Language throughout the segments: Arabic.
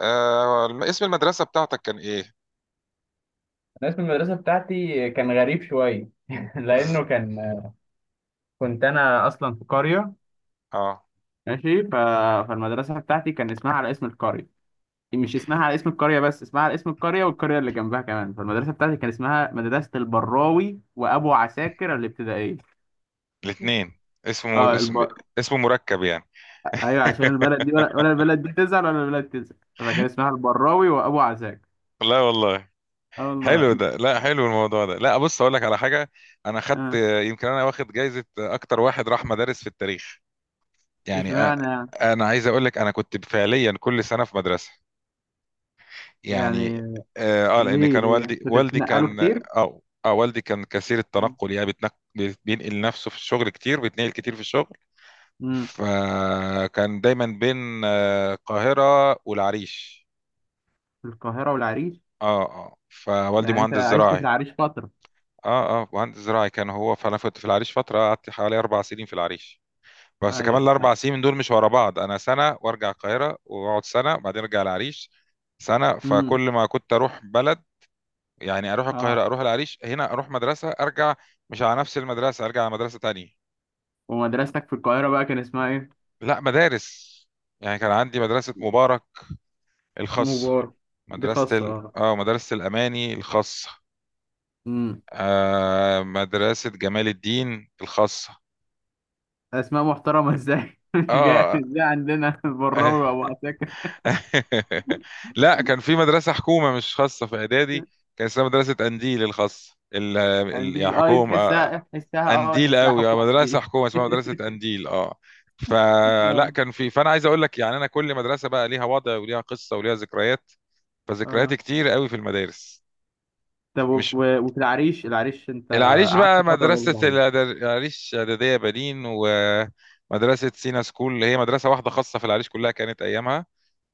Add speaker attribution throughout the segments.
Speaker 1: اسم المدرسة بتاعتك كان ايه؟
Speaker 2: الناس في المدرسة بتاعتي كان غريب شوية
Speaker 1: ز-
Speaker 2: لأنه كنت أنا أصلا في قرية
Speaker 1: اه.
Speaker 2: ماشي فالمدرسة بتاعتي كان اسمها على اسم القرية. مش اسمها على اسم القرية بس اسمها على اسم القرية والقرية اللي جنبها كمان. فالمدرسة بتاعتي كان اسمها مدرسة البراوي وأبو عساكر الابتدائية.
Speaker 1: الاثنين اسمه
Speaker 2: اه
Speaker 1: اسم، اسمه مركب يعني.
Speaker 2: أيوه، عشان البلد دي ولا البلد دي تزعل ولا البلد تزعل، فكان اسمها البراوي وأبو عساكر.
Speaker 1: لا والله،
Speaker 2: اه
Speaker 1: حلو
Speaker 2: والله.
Speaker 1: ده. لا، حلو الموضوع ده. لا، بص اقول لك على حاجة. انا خدت
Speaker 2: اه.
Speaker 1: يمكن انا واخد جايزة اكتر واحد راح مدارس في التاريخ، يعني
Speaker 2: اشمعنى؟
Speaker 1: انا عايز اقول لك انا كنت فعليا كل سنة في مدرسة
Speaker 2: يعني
Speaker 1: يعني.
Speaker 2: يعني
Speaker 1: لان
Speaker 2: ليه
Speaker 1: كان
Speaker 2: ليه
Speaker 1: والدي
Speaker 2: كنت
Speaker 1: والدي
Speaker 2: بتنقلوا
Speaker 1: كان،
Speaker 2: كتير؟
Speaker 1: اه والدي كان كثير التنقل يعني بينقل نفسه في الشغل كتير، بيتنقل كتير في الشغل.
Speaker 2: امم.
Speaker 1: فكان دايما بين القاهرة والعريش.
Speaker 2: في القاهرة والعريش.
Speaker 1: اه اه. فوالدي
Speaker 2: يعني انت
Speaker 1: مهندس
Speaker 2: عشت في
Speaker 1: زراعي،
Speaker 2: العريش فترة؟
Speaker 1: اه اه، مهندس زراعي كان هو. فانا كنت في العريش فترة، قعدت حوالي 4 سنين في العريش. بس كمان
Speaker 2: ايوه.
Speaker 1: ال4 سنين دول مش ورا بعض. انا سنة وارجع القاهرة، واقعد سنة وبعدين ارجع العريش سنة. فكل
Speaker 2: امم.
Speaker 1: ما كنت اروح بلد، يعني اروح
Speaker 2: اه.
Speaker 1: القاهرة اروح العريش، هنا اروح مدرسة ارجع مش على نفس المدرسة، ارجع على مدرسة تانية.
Speaker 2: ومدرستك في القاهرة بقى كان اسمها ايه؟
Speaker 1: لا، مدارس، يعني كان عندي مدرسة مبارك الخاص.
Speaker 2: مبارك. دي
Speaker 1: مدرسة
Speaker 2: خاصة،
Speaker 1: ال...
Speaker 2: اه.
Speaker 1: اه مدرسة الأماني الخاصة.
Speaker 2: امم.
Speaker 1: آه، مدرسة جمال الدين الخاصة.
Speaker 2: اسماء محترمة ازاي؟ مش جاي
Speaker 1: اه.
Speaker 2: مش جاي عندنا البراوي وابو عساكر.
Speaker 1: لا، كان في مدرسة حكومة مش خاصة في إعدادي، كان اسمها مدرسة أنديل الخاصة، يعني
Speaker 2: قنديل، اه. دي
Speaker 1: حكومة.
Speaker 2: تحسها تحسها اه
Speaker 1: أنديل
Speaker 2: تحسها
Speaker 1: قوي، اه،
Speaker 2: حكومة
Speaker 1: مدرسة
Speaker 2: دي.
Speaker 1: حكومة اسمها مدرسة أنديل، اه. فلا،
Speaker 2: اه
Speaker 1: كان في، فأنا عايز أقول لك يعني أنا كل مدرسة بقى ليها وضع وليها قصة وليها ذكريات،
Speaker 2: اه.
Speaker 1: فذكرياتي كتير قوي في المدارس.
Speaker 2: طب
Speaker 1: مش،
Speaker 2: وفي العريش، العريش انت
Speaker 1: العريش
Speaker 2: قعدت
Speaker 1: بقى
Speaker 2: فترة برضه في العريش.
Speaker 1: العريش إعدادية بنين ومدرسة سينا سكول، اللي هي مدرسة واحدة خاصة في العريش كلها كانت أيامها.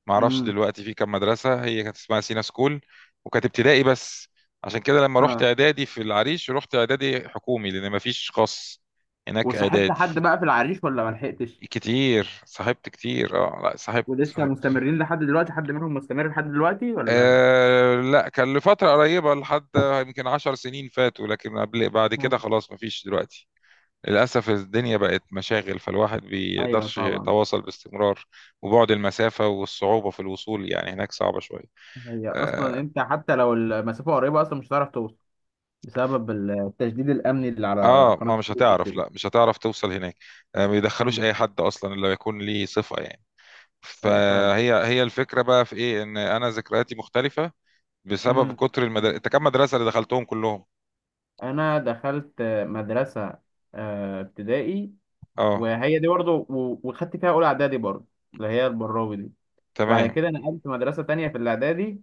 Speaker 1: معرفش
Speaker 2: امم.
Speaker 1: دلوقتي في كام مدرسة، هي كانت اسمها سينا سكول وكانت ابتدائي بس. عشان كده لما رحت
Speaker 2: اه.
Speaker 1: إعدادي في العريش، رحت إعدادي حكومي لأن مفيش خاص هناك
Speaker 2: وصاحبت
Speaker 1: إعدادي.
Speaker 2: حد بقى في العريش ولا ما لحقتش؟
Speaker 1: كتير، صاحبت كتير، اه، لا صاحبت،
Speaker 2: ولسه
Speaker 1: صاحبت.
Speaker 2: مستمرين لحد دلوقتي، حد منهم مستمر لحد دلوقتي ولا؟
Speaker 1: آه لا، كان لفترة قريبة، لحد يمكن 10 سنين فاتوا، لكن قبل، بعد كده خلاص مفيش دلوقتي. للأسف الدنيا بقت مشاغل، فالواحد
Speaker 2: ايوه
Speaker 1: بيقدرش
Speaker 2: طبعا.
Speaker 1: يتواصل باستمرار. وبعد المسافة والصعوبة في الوصول، يعني هناك صعبة شوية.
Speaker 2: هي
Speaker 1: آه,
Speaker 2: اصلا انت حتى لو المسافه قريبه اصلا مش هتعرف توصل بسبب التشديد الامني اللي على
Speaker 1: آه
Speaker 2: قناه
Speaker 1: ما مش
Speaker 2: السويس
Speaker 1: هتعرف،
Speaker 2: كده.
Speaker 1: لا مش هتعرف توصل هناك. آه، ما بيدخلوش
Speaker 2: آه،
Speaker 1: أي حد أصلا إلا يكون ليه صفة، يعني.
Speaker 2: أيوة فعلا.
Speaker 1: فهي، هي الفكرة بقى في إيه، إن أنا ذكرياتي مختلفة بسبب
Speaker 2: امم.
Speaker 1: كتر المدارس. أنت كم مدرسة اللي دخلتهم كلهم؟
Speaker 2: انا دخلت مدرسه ابتدائي.
Speaker 1: آه.
Speaker 2: وهي دي برضه وخدت فيها اولى اعدادي برضه، اللي هي البراوي دي. وبعد
Speaker 1: تمام.
Speaker 2: كده نقلت مدرسه تانية في الاعدادي.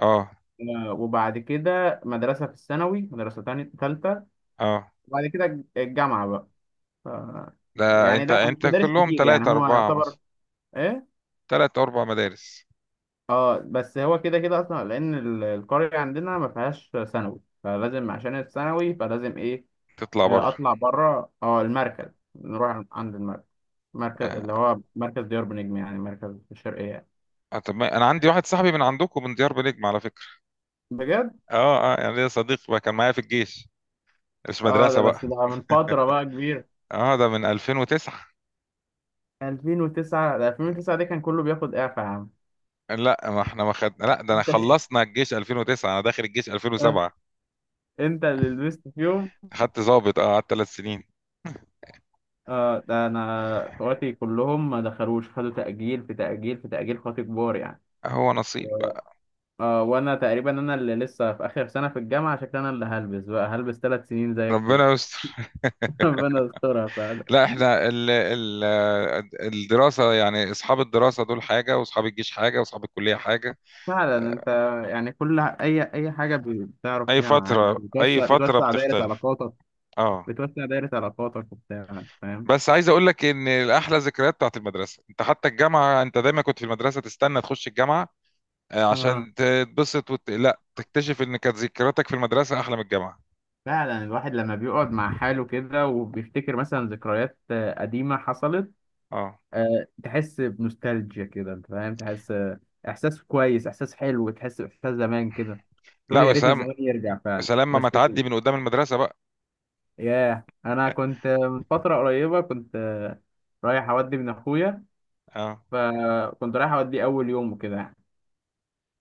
Speaker 1: آه.
Speaker 2: وبعد كده مدرسه في الثانوي، مدرسه تانية ثالثه.
Speaker 1: آه.
Speaker 2: وبعد كده الجامعه بقى. ف...
Speaker 1: لا
Speaker 2: يعني
Speaker 1: أنت،
Speaker 2: لا، مش
Speaker 1: أنت
Speaker 2: مدارس
Speaker 1: كلهم
Speaker 2: كتير، يعني
Speaker 1: ثلاثة
Speaker 2: هو
Speaker 1: أربعة
Speaker 2: يعتبر
Speaker 1: مثلا،
Speaker 2: ايه.
Speaker 1: ثلاثة أربع مدارس.
Speaker 2: اه بس هو كده كده اصلا، لان القريه عندنا ما فيهاش ثانوي، فلازم عشان الثانوي فلازم ايه.
Speaker 1: تطلع بره.
Speaker 2: اطلع بره. اه المركز، نروح عند المركز، مركز اللي هو مركز ديار بنجم، يعني مركز في الشرقيه يعني.
Speaker 1: آه طب، ما انا عندي واحد صاحبي من عندكم، من ديار بنجم، على فكره.
Speaker 2: بجد؟
Speaker 1: اه اه، يعني ليا صديق بقى كان معايا في الجيش، مش
Speaker 2: اه
Speaker 1: مدرسه
Speaker 2: ده
Speaker 1: بقى.
Speaker 2: بس ده من فتره بقى كبير.
Speaker 1: اه، ده من 2009.
Speaker 2: 2009؟ ده 2009 دي كان كله بياخد اعفاء يا عم.
Speaker 1: لا، ما احنا ما خد، لا، ده انا
Speaker 2: انت
Speaker 1: خلصنا الجيش 2009، انا داخل الجيش
Speaker 2: آه،
Speaker 1: 2007.
Speaker 2: انت اللي لبست فيهم.
Speaker 1: خدت ضابط، اه، قعدت 3 سنين.
Speaker 2: اه ده انا اخواتي كلهم ما دخلوش، خدوا تأجيل في تأجيل في تأجيل، خاطي كبار يعني.
Speaker 1: هو نصيب بقى.
Speaker 2: اه وانا تقريبا انا اللي لسه في اخر سنه في الجامعه، عشان كده انا اللي هلبس بقى، هلبس ثلاث سنين زيك كده.
Speaker 1: ربنا يستر.
Speaker 2: ربنا يسترها فعلا.
Speaker 1: لا احنا ال ال الدراسة، يعني اصحاب الدراسة دول حاجة، واصحاب الجيش حاجة، واصحاب الكلية حاجة.
Speaker 2: فعلا انت.
Speaker 1: آه،
Speaker 2: يعني كل اي حاجه بتعرف
Speaker 1: اي
Speaker 2: فيها معاك
Speaker 1: فترة، اي
Speaker 2: بتوسع
Speaker 1: فترة
Speaker 2: بتوسع دايره
Speaker 1: بتختلف،
Speaker 2: علاقاتك.
Speaker 1: اه.
Speaker 2: بتوسع دايره علاقاتك وبتاع، فاهم.
Speaker 1: بس عايز اقول لك ان الاحلى ذكريات بتاعت المدرسه. انت حتى الجامعه انت دايما كنت في المدرسه تستنى تخش الجامعه،
Speaker 2: اه.
Speaker 1: عشان تتبسط لا، تكتشف ان كانت ذكرياتك في المدرسه احلى من الجامعه،
Speaker 2: فعلا الواحد لما بيقعد مع حاله كده وبيفتكر مثلا ذكريات قديمه حصلت،
Speaker 1: اه.
Speaker 2: تحس بنوستالجيا كده، انت فاهم، تحس احساس كويس، احساس حلو، تحس باحساس زمان كده.
Speaker 1: لا
Speaker 2: تقول يا ريت
Speaker 1: وسلام.
Speaker 2: الزمان يرجع فعلا.
Speaker 1: سلام ما
Speaker 2: بس
Speaker 1: تعدي من قدام المدرسه بقى.
Speaker 2: ياه، انا كنت من فتره قريبه كنت رايح اودي من اخويا.
Speaker 1: اه
Speaker 2: فكنت رايح اودي اول يوم وكده يعني.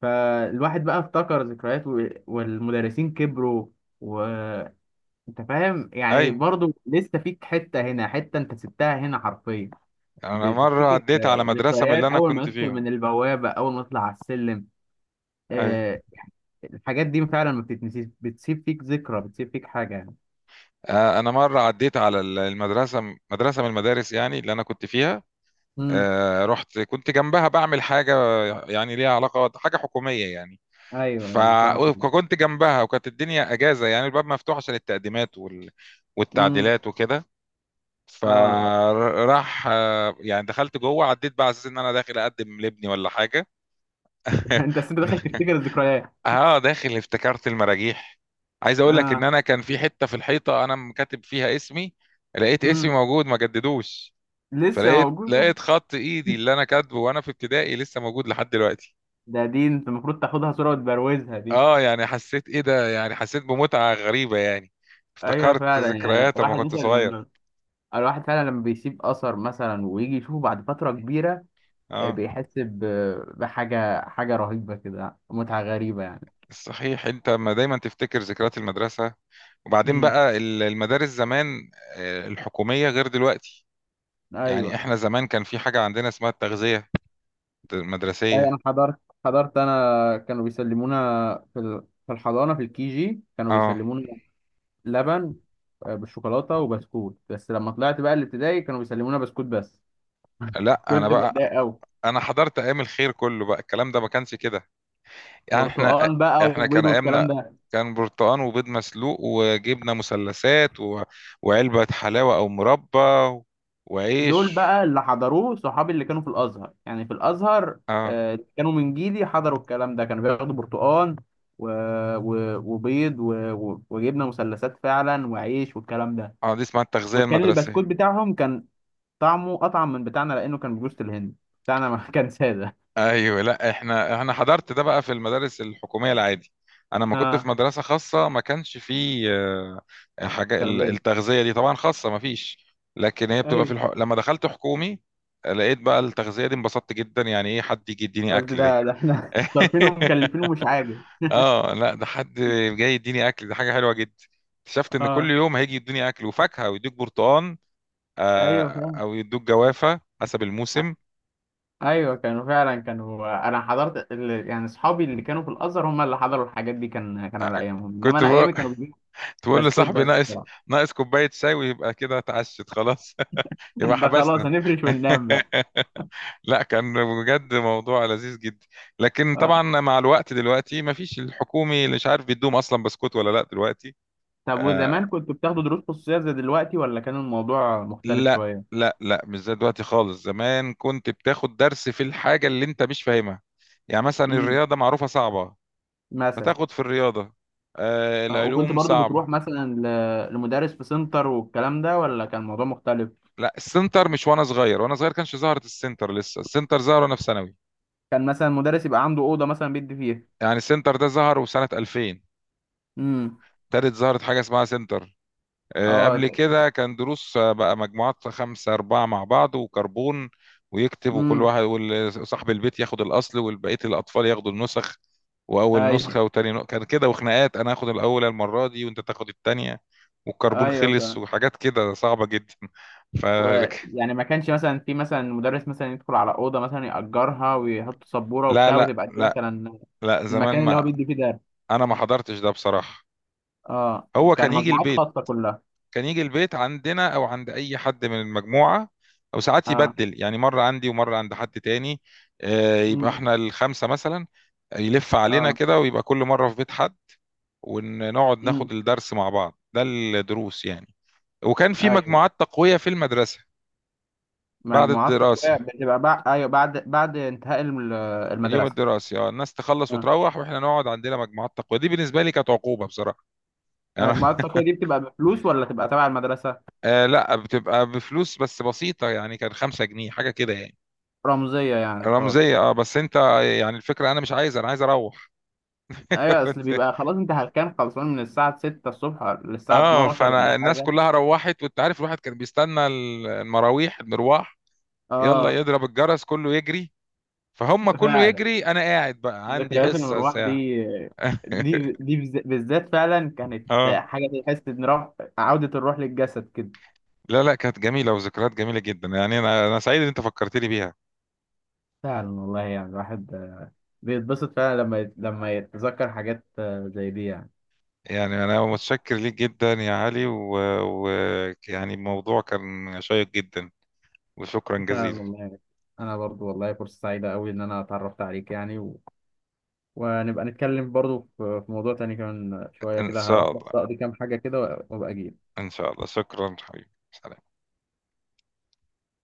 Speaker 2: فالواحد بقى افتكر ذكريات والمدرسين كبروا. وانت فاهم يعني،
Speaker 1: ايوه،
Speaker 2: برضو لسه فيك حته هنا حته، انت سبتها هنا حرفيا.
Speaker 1: انا مره
Speaker 2: بتفتكر
Speaker 1: عديت على مدرسه من
Speaker 2: ذكريات،
Speaker 1: اللي انا
Speaker 2: اول ما
Speaker 1: كنت
Speaker 2: ندخل
Speaker 1: فيهم.
Speaker 2: من البوابه، اول ما نطلع على السلم.
Speaker 1: ايوه.
Speaker 2: آه، الحاجات دي فعلا ما بتتنسيش، بتسيب فيك ذكرى، بتسيب فيك حاجه يعني.
Speaker 1: انا مره عديت على المدرسه، مدرسه من المدارس يعني اللي انا كنت فيها.
Speaker 2: امم.
Speaker 1: رحت، كنت جنبها بعمل حاجه، يعني ليها علاقه حاجه حكوميه يعني.
Speaker 2: ايوه
Speaker 1: ف-
Speaker 2: ايوه، مصلحه فيه.
Speaker 1: وكنت جنبها وكانت الدنيا اجازه، يعني الباب مفتوح عشان
Speaker 2: امم.
Speaker 1: والتعديلات وكده، اه.
Speaker 2: اه.
Speaker 1: فراح يعني دخلت جوه، عديت بقى على اساس ان انا داخل اقدم لابني ولا حاجه.
Speaker 2: انت أصل انت داخل تفتكر الذكريات.
Speaker 1: اه، داخل افتكرت المراجيح. عايز اقول لك ان
Speaker 2: اه.
Speaker 1: انا كان في حته في الحيطه انا مكاتب فيها اسمي، لقيت اسمي
Speaker 2: امم.
Speaker 1: موجود ما جددوش.
Speaker 2: لسه
Speaker 1: فلقيت
Speaker 2: موجوده.
Speaker 1: لقيت خط ايدي اللي انا كاتبه وانا في ابتدائي، لسه موجود لحد دلوقتي.
Speaker 2: دي انت المفروض تاخدها صوره وتبروزها دي.
Speaker 1: اه يعني حسيت، ايه ده، يعني حسيت بمتعة غريبة يعني،
Speaker 2: ايوه
Speaker 1: افتكرت
Speaker 2: فعلا. يعني
Speaker 1: ذكريات لما
Speaker 2: الواحد
Speaker 1: كنت
Speaker 2: مثلا لما،
Speaker 1: صغير،
Speaker 2: الواحد فعلا لما بيسيب اثر مثلا ويجي يشوفه بعد فتره كبيره،
Speaker 1: اه.
Speaker 2: بيحس بحاجه رهيبه كده، متعه غريبه يعني.
Speaker 1: صحيح انت ما دايما تفتكر ذكريات المدرسة. وبعدين
Speaker 2: مم.
Speaker 1: بقى المدارس زمان، الحكومية، غير دلوقتي. يعني
Speaker 2: ايوه.
Speaker 1: احنا زمان كان في حاجة عندنا اسمها التغذية
Speaker 2: أي انا
Speaker 1: المدرسية،
Speaker 2: حضرت انا كانوا بيسلمونا في الحضانه، في الكي جي كانوا
Speaker 1: اه.
Speaker 2: بيسلمونا لبن بالشوكولاته وبسكوت. بس لما طلعت بقى الابتدائي كانوا بيسلمونا بسكوت بس.
Speaker 1: لا انا
Speaker 2: كنت
Speaker 1: بقى،
Speaker 2: متضايق قوي.
Speaker 1: انا حضرت ايام الخير كله بقى، الكلام ده ما كانش كده. يعني احنا،
Speaker 2: برتقال بقى
Speaker 1: احنا كان
Speaker 2: وبيض
Speaker 1: ايامنا
Speaker 2: والكلام ده؟
Speaker 1: كان برتقان وبيض مسلوق وجبنه مثلثات وعلبه حلاوه او مربى
Speaker 2: دول
Speaker 1: وعيش،
Speaker 2: بقى اللي حضروه صحابي اللي كانوا في الازهر، يعني في الازهر.
Speaker 1: اه
Speaker 2: كانوا من جيلي حضروا الكلام ده، كانوا بياخدوا برتقال و... وبيض وجبنه مثلثات فعلا وعيش والكلام ده.
Speaker 1: اه. دي اسمها التغذيه
Speaker 2: وكان البسكوت
Speaker 1: المدرسيه.
Speaker 2: بتاعهم كان طعمه اطعم من بتاعنا لانه كان بجوز الهند. بتاعنا ما كان ساده.
Speaker 1: ايوه، لا احنا، احنا حضرت ده بقى في المدارس الحكوميه العادي. انا ما كنت في
Speaker 2: اه
Speaker 1: مدرسه خاصه، ما كانش فيه، حاجه
Speaker 2: تغذيه،
Speaker 1: التغذيه دي طبعا، خاصه ما فيش، لكن هي بتبقى في
Speaker 2: ايوه.
Speaker 1: لما دخلت حكومي، لقيت بقى التغذيه دي، انبسطت جدا، يعني ايه حد يجي يديني
Speaker 2: قلت
Speaker 1: اكل دي.
Speaker 2: ده احنا صارفين ومكلفين ومش عاجب.
Speaker 1: اه، لا ده حد جاي يديني اكل، ده حاجه حلوه جدا. اكتشفت ان كل
Speaker 2: اه.
Speaker 1: يوم هيجي يديني اكل وفاكهه، ويدوك برتقان آه،
Speaker 2: ايوه فاهم.
Speaker 1: او يدوك جوافه حسب الموسم.
Speaker 2: ايوه كانوا فعلا، كانوا انا حضرت يعني اصحابي اللي كانوا في الازهر هم اللي حضروا الحاجات دي، كان على
Speaker 1: آه،
Speaker 2: ايامهم، انما
Speaker 1: كنت
Speaker 2: انا
Speaker 1: بقول،
Speaker 2: ايامي كانوا بيجيبوا
Speaker 1: كنت بقول
Speaker 2: بسكوت
Speaker 1: لصاحبي
Speaker 2: بس
Speaker 1: ناقص،
Speaker 2: بصراحه.
Speaker 1: ناقص كوبايه شاي ويبقى كده اتعشت خلاص. يبقى
Speaker 2: ده خلاص
Speaker 1: حبسنا.
Speaker 2: هنفرش وننام بقى.
Speaker 1: لا كان بجد موضوع لذيذ جدا، لكن
Speaker 2: آه.
Speaker 1: طبعا مع الوقت دلوقتي ما فيش الحكومي، اللي مش عارف بيدوم اصلا بسكوت ولا لا دلوقتي.
Speaker 2: طب
Speaker 1: آه،
Speaker 2: وزمان كنتوا بتاخدوا دروس خصوصيه زي دلوقتي ولا كان الموضوع مختلف
Speaker 1: لا
Speaker 2: شويه؟
Speaker 1: لا لا، مش زي دلوقتي خالص. زمان كنت بتاخد درس في الحاجة اللي انت مش فاهمها، يعني مثلا
Speaker 2: امم،
Speaker 1: الرياضة معروفة صعبة،
Speaker 2: مثلا.
Speaker 1: فتاخد في الرياضة. آه
Speaker 2: وكنت
Speaker 1: العلوم
Speaker 2: برضو بتروح
Speaker 1: صعبة.
Speaker 2: مثلا لمدرس في سنتر والكلام ده، ولا كان الموضوع مختلف؟
Speaker 1: لا، السنتر مش، وانا صغير، وانا صغير كانش ظهرت السنتر، لسه السنتر ظهر وانا في ثانوي.
Speaker 2: كان مثلا مدرس يبقى عنده أوضة مثلا بيدي فيها؟
Speaker 1: يعني السنتر ده ظهر وسنة 2000
Speaker 2: امم.
Speaker 1: ابتدت ظهرت حاجة اسمها سنتر.
Speaker 2: اه.
Speaker 1: قبل كده كان دروس، بقى مجموعات خمسة أربعة مع بعض وكربون، ويكتب، وكل
Speaker 2: امم.
Speaker 1: واحد، وصاحب البيت ياخد الأصل والبقية الأطفال ياخدوا النسخ، وأول
Speaker 2: اي.
Speaker 1: نسخة وتاني نسخة، كان كده. وخناقات أنا آخد الأولى المرة دي وأنت تاخد التانية، والكربون
Speaker 2: ايوه
Speaker 1: خلص،
Speaker 2: فاهم.
Speaker 1: وحاجات كده صعبة جدا. ف
Speaker 2: ويعني ما كانش مثلا في مثلا مدرس مثلا يدخل على أوضة مثلا يأجرها ويحط سبورة
Speaker 1: لا
Speaker 2: وبتاع
Speaker 1: لا
Speaker 2: وتبقى دي
Speaker 1: لا
Speaker 2: مثلا
Speaker 1: لا زمان
Speaker 2: المكان اللي هو
Speaker 1: ما،
Speaker 2: بيدي فيه درس.
Speaker 1: أنا ما حضرتش ده بصراحة.
Speaker 2: اه
Speaker 1: هو كان
Speaker 2: كان
Speaker 1: يجي
Speaker 2: مجموعات
Speaker 1: البيت،
Speaker 2: خاصة كلها.
Speaker 1: كان يجي البيت عندنا او عند اي حد من المجموعه، او ساعات
Speaker 2: اه.
Speaker 1: يبدل، يعني مره عندي ومره عند حد تاني. يبقى
Speaker 2: امم.
Speaker 1: احنا الخمسه مثلا يلف علينا
Speaker 2: اه.
Speaker 1: كده، ويبقى كل مره في بيت حد، ونقعد
Speaker 2: امم.
Speaker 1: ناخد الدرس مع بعض. ده الدروس يعني. وكان في
Speaker 2: ايوه،
Speaker 1: مجموعات تقويه في المدرسه بعد
Speaker 2: مجموعات،
Speaker 1: الدراسه،
Speaker 2: بتبقى بقى، ايوه بعد انتهاء
Speaker 1: اليوم
Speaker 2: المدرسة.
Speaker 1: الدراسي. اه الناس تخلص وتروح، واحنا نقعد عندنا مجموعات تقويه. دي بالنسبه لي كانت عقوبه بصراحه، يعني انا.
Speaker 2: المجموعات التقوية دي بتبقى بفلوس ولا تبقى تبع المدرسة؟
Speaker 1: آه لا، بتبقى بفلوس بس بسيطه، يعني كان 5 جنيه حاجه كده يعني.
Speaker 2: رمزية يعني خالص.
Speaker 1: رمزية، اه بس انت، يعني الفكرة انا مش عايز، انا عايز اروح.
Speaker 2: ايوه، اصل بيبقى خلاص انت هتكون خلصان من الساعة 6 الصبح للساعة
Speaker 1: اه
Speaker 2: 12 ولا
Speaker 1: فانا الناس
Speaker 2: حاجة.
Speaker 1: كلها روحت، وانت عارف الواحد كان بيستنى المراويح، المروح، يلا
Speaker 2: اه
Speaker 1: يضرب الجرس كله يجري، فهم كله
Speaker 2: فعلا.
Speaker 1: يجري، انا قاعد بقى عندي
Speaker 2: ذكريات
Speaker 1: حصة
Speaker 2: المروح
Speaker 1: ساعة.
Speaker 2: دي، بالذات فعلا كانت
Speaker 1: اه
Speaker 2: حاجة تحس ان روح، عودة الروح للجسد كده.
Speaker 1: لا لا، كانت جميلة وذكريات جميلة جدا، يعني أنا سعيد إن أنت فكرتني بيها.
Speaker 2: فعلا والله يعني الواحد بيتبسط فعلا لما يتذكر حاجات زي دي يعني.
Speaker 1: يعني أنا متشكر ليك جدا يا علي، يعني الموضوع كان شيق جدا، وشكرا
Speaker 2: فعلا
Speaker 1: جزيلا.
Speaker 2: والله. انا برضو والله فرصة سعيدة قوي ان انا اتعرفت عليك يعني. ونبقى نتكلم برضو في موضوع تاني كمان شوية
Speaker 1: إن
Speaker 2: كده. هروح
Speaker 1: شاء
Speaker 2: بس
Speaker 1: الله.
Speaker 2: أقضي كام حاجة كده وأبقى أجي.
Speaker 1: إن شاء الله، شكرا حبيبي، سلام.